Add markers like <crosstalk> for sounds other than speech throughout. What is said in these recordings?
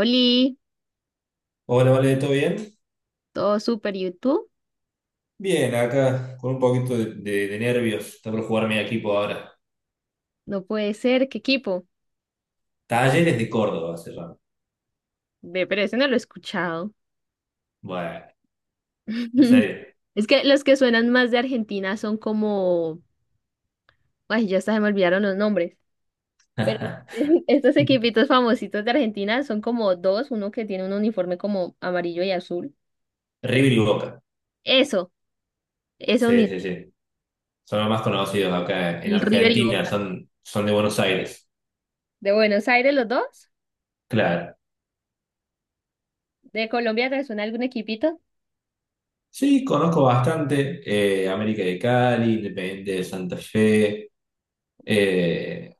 Oli, Hola, vale, ¿todo bien? todo súper YouTube. Bien, acá con un poquito de nervios. Está por jugar mi equipo ahora. No puede ser, qué equipo. Talleres de Córdoba se llama. Ve, pero ese no lo he escuchado. Bueno, en <laughs> serio. Es que los que suenan más de Argentina son como. Ay, ya hasta se me olvidaron los nombres. Pero <laughs> <laughs> estos equipitos famositos de Argentina son como dos: uno que tiene un uniforme como amarillo y azul, creo. River y Boca. Eso, eso Sí, mismo. sí, sí. Son los más conocidos acá en El River y Argentina, Boca. son de Buenos Aires. De Buenos Aires, los dos. Claro. De Colombia, ¿te suena algún equipito? Sí, conozco bastante. América de Cali, Independiente de Santa Fe. eh,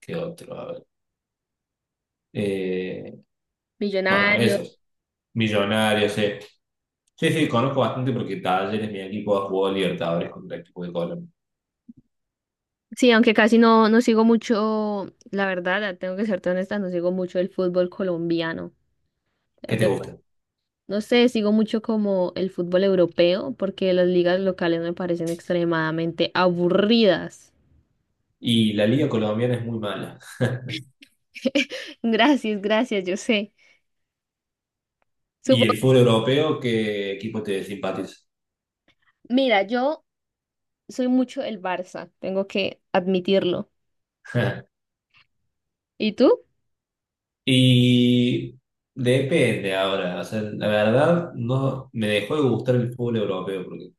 ¿Qué otro? Eh, bueno, Millonarios. esos. Millonarios, sí. Sí, sí, conozco bastante porque Talleres, mi equipo, ha jugado Libertadores contra el equipo de Colombia. Sí, aunque casi no sigo mucho, la verdad, ah, tengo que serte honesta, no sigo mucho el fútbol colombiano. Ya ¿Qué te de- gusta? No sé, sigo mucho como el fútbol europeo porque las ligas locales me parecen extremadamente aburridas. Y la liga colombiana es muy mala. <laughs> Gracias, gracias, yo sé. ¿Y el Supongo, fútbol europeo, qué equipo te simpatiza? mira, yo soy mucho el Barça, tengo que admitirlo. <laughs> ¿Y tú? Y depende ahora, o sea, la verdad no me dejó de gustar el fútbol europeo porque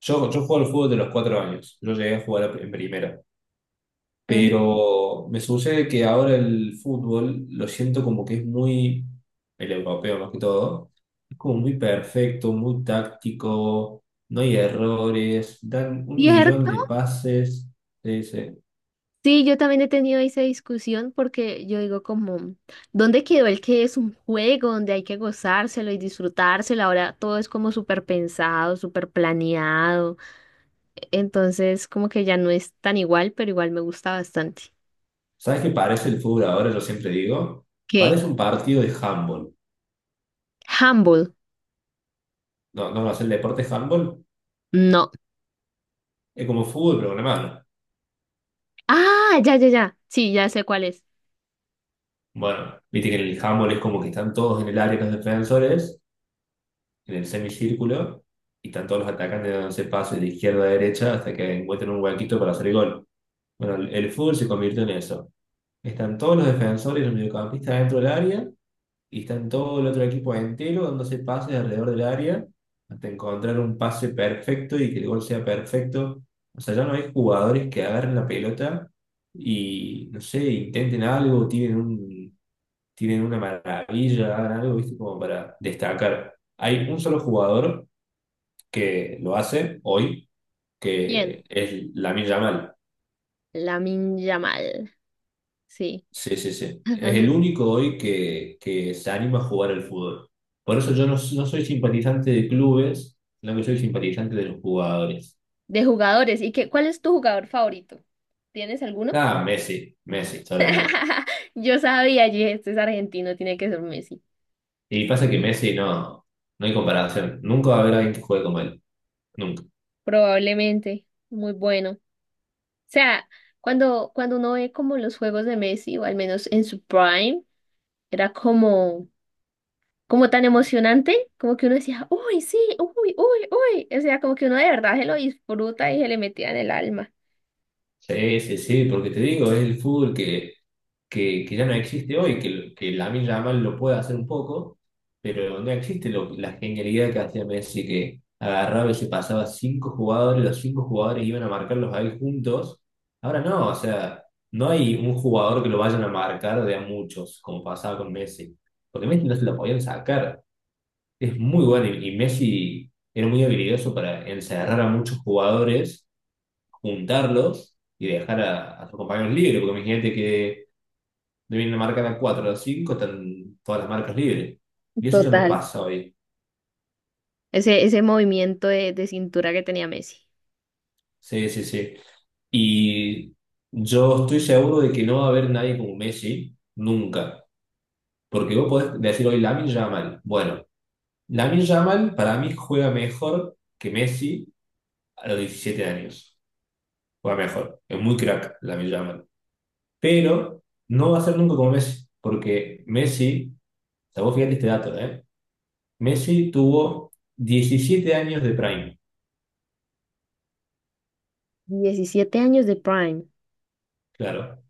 yo juego al fútbol de los 4 años, yo llegué a jugar en primera. Ujú. Pero me sucede que ahora el fútbol lo siento como que es muy, el europeo más que todo, es como muy perfecto, muy táctico, no hay errores, dan un Cierto. millón de pases. Sí, sí. Sí, yo también he tenido esa discusión porque yo digo como, ¿dónde quedó el que es un juego donde hay que gozárselo y disfrutárselo? Ahora todo es como súper pensado, súper planeado. Entonces, como que ya no es tan igual, pero igual me gusta bastante. ¿Sabes qué parece el fútbol ahora? Yo siempre digo, ¿Qué? parece un partido de handball. Humble. No, no, no es el deporte de handball, No. es como fútbol, pero con la mano. Ah, ya, ya, ya. Sí, ya sé cuál es. Bueno, viste que en el handball es como que están todos en el área los defensores en el semicírculo y están todos los atacantes dándose pases de izquierda a derecha hasta que encuentren un huequito para hacer gol. Bueno, el fútbol se convirtió en eso. Están todos los defensores y los mediocampistas dentro del área y están todo el otro equipo entero dándose pases alrededor del área hasta encontrar un pase perfecto y que el gol sea perfecto. O sea, ya no hay jugadores que agarren la pelota y, no sé, intenten algo, tienen una maravilla, hagan algo, ¿viste? Como para destacar. Hay un solo jugador que lo hace hoy, que ¿Quién? es Lamine Yamal. Lamin Yamal. Sí. Sí, sí, sí. <laughs> Es el Aunque único hoy que se anima a jugar al fútbol. Por eso yo no soy simpatizante de clubes, sino que soy simpatizante de los jugadores. de jugadores. ¿Y qué? ¿Cuál es tu jugador favorito? ¿Tienes alguno? Ah, Messi, Messi, toda la vida. <laughs> Yo sabía, yo dije, este es argentino, tiene que ser Messi. Y pasa que Messi no, no hay comparación. Nunca va a haber alguien que juegue como él. Nunca. Probablemente, muy bueno. O sea, cuando uno ve como los juegos de Messi, o al menos en su prime, era como tan emocionante, como que uno decía, uy, sí, uy, uy, uy. O sea, como que uno de verdad se lo disfruta y se le metía en el alma. Sí, sí, sí, porque te digo, es el fútbol que ya no existe hoy, que Lamine Yamal lo puede hacer un poco, pero no existe la genialidad que hacía Messi, que agarraba y se pasaba cinco jugadores, los cinco jugadores iban a marcarlos ahí juntos. Ahora no, o sea, no hay un jugador que lo vayan a marcar de a muchos, como pasaba con Messi, porque Messi no se lo podían sacar. Es muy bueno y Messi era muy habilidoso para encerrar a muchos jugadores, juntarlos y dejar a sus compañeros libres, porque imagínate que de una marca de 4 a 5 están todas las marcas libres. Y eso ya no Total. pasa hoy. Ese movimiento de cintura que tenía Messi. Sí, sí, sí. Y yo estoy seguro de que no va a haber nadie como Messi, nunca. Porque vos podés decir hoy Lamine Yamal. Bueno, Lamine Yamal para mí juega mejor que Messi a los 17 años. Juega mejor. Es muy crack Lamine Yamal. Pero no va a ser nunca como Messi. Porque Messi, o sea, vos fíjate este dato, ¿eh? Messi tuvo 17 años de prime. 17 años de Prime. Claro.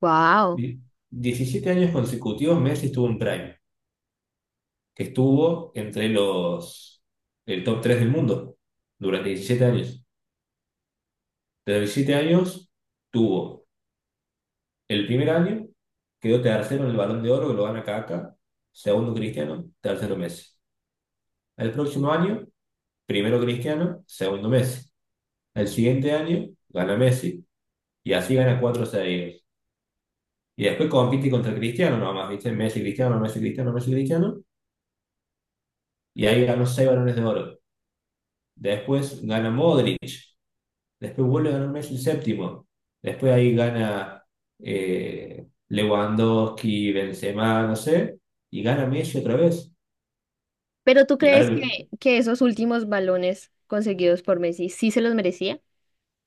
Wow. Di- 17 años consecutivos Messi estuvo en Prime, que estuvo entre los el top 3 del mundo durante 17 años. Desde los 17 años tuvo el primer año, quedó tercero en el Balón de Oro, que lo gana Kaká, segundo Cristiano, tercero Messi. El próximo año, primero Cristiano, segundo Messi. El siguiente año gana Messi y así gana cuatro seguidos. Y después compite contra Cristiano nomás, ¿viste? Messi, Cristiano, Messi, Cristiano, Messi, Cristiano. Y ahí ganó seis balones de oro. Después gana Modric. Después vuelve a ganar Messi el séptimo. Después ahí gana Lewandowski, Benzema, no sé. Y gana Messi otra vez. Pero ¿tú Y crees que, ahora, que esos últimos balones conseguidos por Messi sí se los merecía?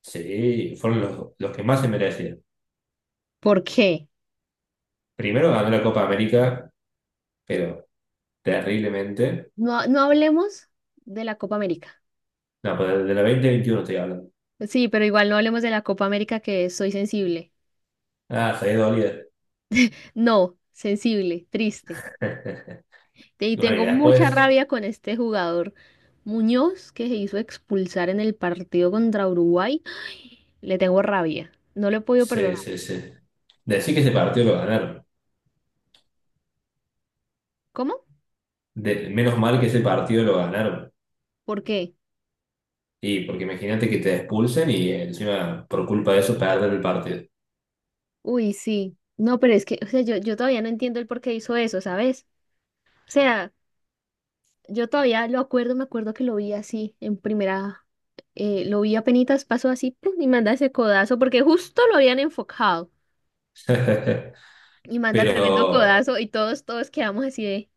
sí, fueron los que más se merecían. ¿Por qué? Primero ganó la Copa América, pero terriblemente. No, no hablemos de la Copa América. No, pero de la 2021 estoy hablando. Sí, pero igual no hablemos de la Copa América que soy sensible. Ah, se había dolido. No, sensible, triste. <laughs> Y Y bueno, y tengo mucha <laughs> después, rabia con este jugador Muñoz que se hizo expulsar en el partido contra Uruguay. Le tengo rabia. No le he podido se, perdonar. se, se. Decir que ese partido lo ganaron. ¿Cómo? Menos mal que ese partido lo ganaron. ¿Por qué? Y porque imagínate que te expulsen y encima por culpa de eso perder el partido. Uy, sí. No, pero es que, o sea, yo todavía no entiendo el por qué hizo eso, ¿sabes? O sea, yo todavía lo acuerdo, me acuerdo que lo vi así en primera, lo vi apenitas, pasó así, ¡pum! Y manda ese codazo, porque justo lo habían enfocado, <laughs> y manda tremendo Pero codazo, y todos, todos quedamos así de,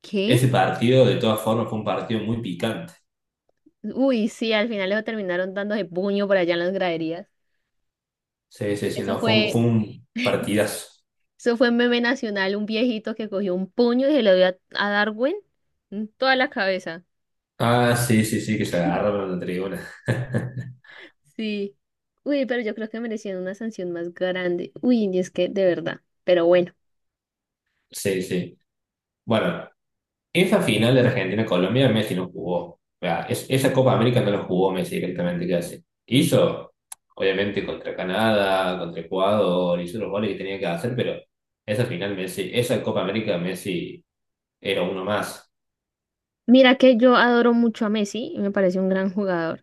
¿qué? ese partido de todas formas fue un partido muy picante. Uy, sí, al final lo terminaron dándose puño por allá en las graderías. Sí, sí, sí, Eso no, fue un, fue fue, un partidazo. eso fue meme nacional, un viejito que cogió un puño y se lo dio a Darwin en toda la cabeza. Ah, sí, sí, sí, que se agarraron en la tribuna. <laughs> Sí. Uy, pero yo creo que merecían una sanción más grande. Uy, y es que de verdad, pero bueno. Sí, sí. Bueno, esa final de Argentina-Colombia Messi no jugó. O sea, esa Copa América no la jugó Messi directamente casi. Hizo, obviamente, contra Canadá, contra Ecuador, hizo los goles que tenía que hacer, pero esa final Messi, esa Copa América Messi era uno más. Mira que yo adoro mucho a Messi y me parece un gran jugador.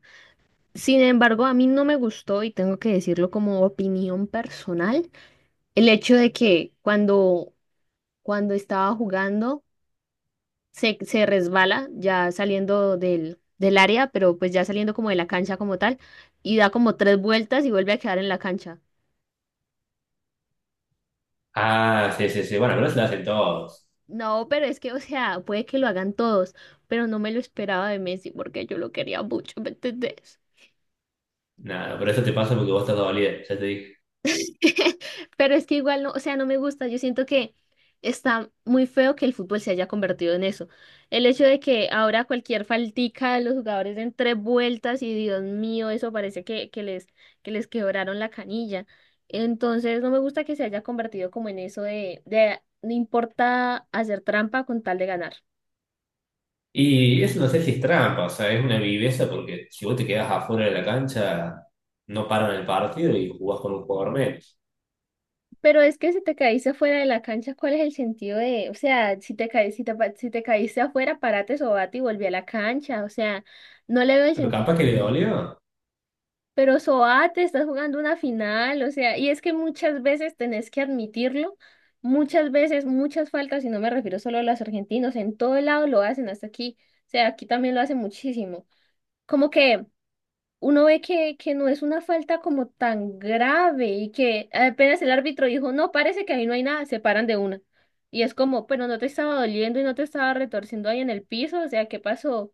Sin embargo, a mí no me gustó, y tengo que decirlo como opinión personal, el hecho de que cuando, cuando estaba jugando se resbala ya saliendo del área, pero pues ya saliendo como de la cancha como tal, y da como tres vueltas y vuelve a quedar en la cancha. Ah, sí, sí, sí. Bueno, pero eso lo hacen todos. No, pero es que, o sea, puede que lo hagan todos, pero no me lo esperaba de Messi porque yo lo quería mucho, ¿me entendés? Nada, pero eso te pasa porque vos estás dolida, ya te dije. <laughs> Pero es que igual no, o sea, no me gusta. Yo siento que está muy feo que el fútbol se haya convertido en eso. El hecho de que ahora cualquier faltica de los jugadores den tres vueltas y Dios mío, eso parece que les, que les quebraron la canilla. Entonces no me gusta que se haya convertido como en eso de no importa hacer trampa con tal de ganar. Y eso no sé si es trampa, o sea, es una viveza porque si vos te quedás afuera de la cancha, no paran el partido y jugás con un jugador menos. Pero es que si te caíste fuera de la cancha, ¿cuál es el sentido de, o sea, si te caíste afuera, parate, sobate y volví a la cancha, o sea, no le veo el Pero sentido. capaz que le dolió. Pero sobate, estás jugando una final, o sea, y es que muchas veces tenés que admitirlo, muchas veces, muchas faltas, y no me refiero solo a los argentinos, en todo lado lo hacen hasta aquí, o sea, aquí también lo hacen muchísimo. Como que uno ve que, no es una falta como tan grave y que apenas el árbitro dijo, no, parece que ahí no hay nada, se paran de una. Y es como, pero no te estaba doliendo y no te estaba retorciendo ahí en el piso, o sea, ¿qué pasó?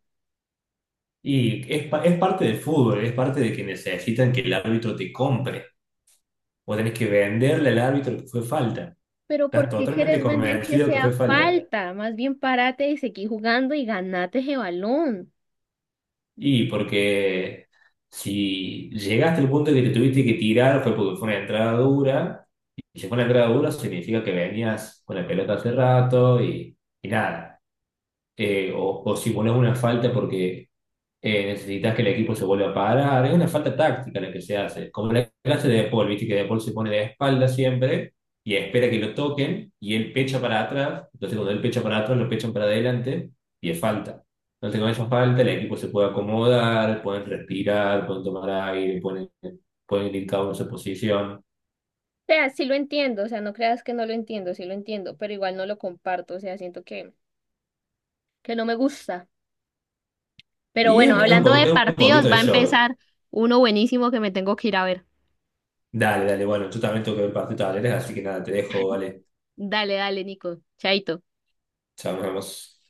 Es parte del fútbol, es parte de que necesitan que el árbitro te compre. Vos tenés que venderle al árbitro que fue falta. Pero Estás ¿por qué totalmente quieres vender que convencido que fue sea falta. falta? Más bien párate y seguí jugando y ganate ese balón. Y porque si llegaste al punto que te tuviste que tirar fue porque fue una entrada dura. Y si fue una entrada dura significa que venías con la pelota hace rato y nada. O si pones una falta porque necesitas que el equipo se vuelva a parar, es una falta táctica la que se hace, como la clase de De Paul, viste que De Paul se pone de espalda siempre y espera que lo toquen y él pecha para atrás, entonces cuando él pecha para atrás lo pechan para adelante y es falta. Entonces con esa falta el equipo se puede acomodar, pueden respirar, pueden tomar aire, pueden ir cada uno a su posición O sea, sí lo entiendo, o sea, no creas que no lo entiendo, sí lo entiendo, pero igual no lo comparto, o sea, siento que, no me gusta. Pero y es, bueno, es un hablando po- de es un partidos, poquito va de a show. empezar uno buenísimo que me tengo que ir a ver. Dale, dale, bueno, yo también tengo que ver partido de Talleres, así que nada, te dejo, vale, Dale, dale, Nico. Chaito. chao, nos vemos.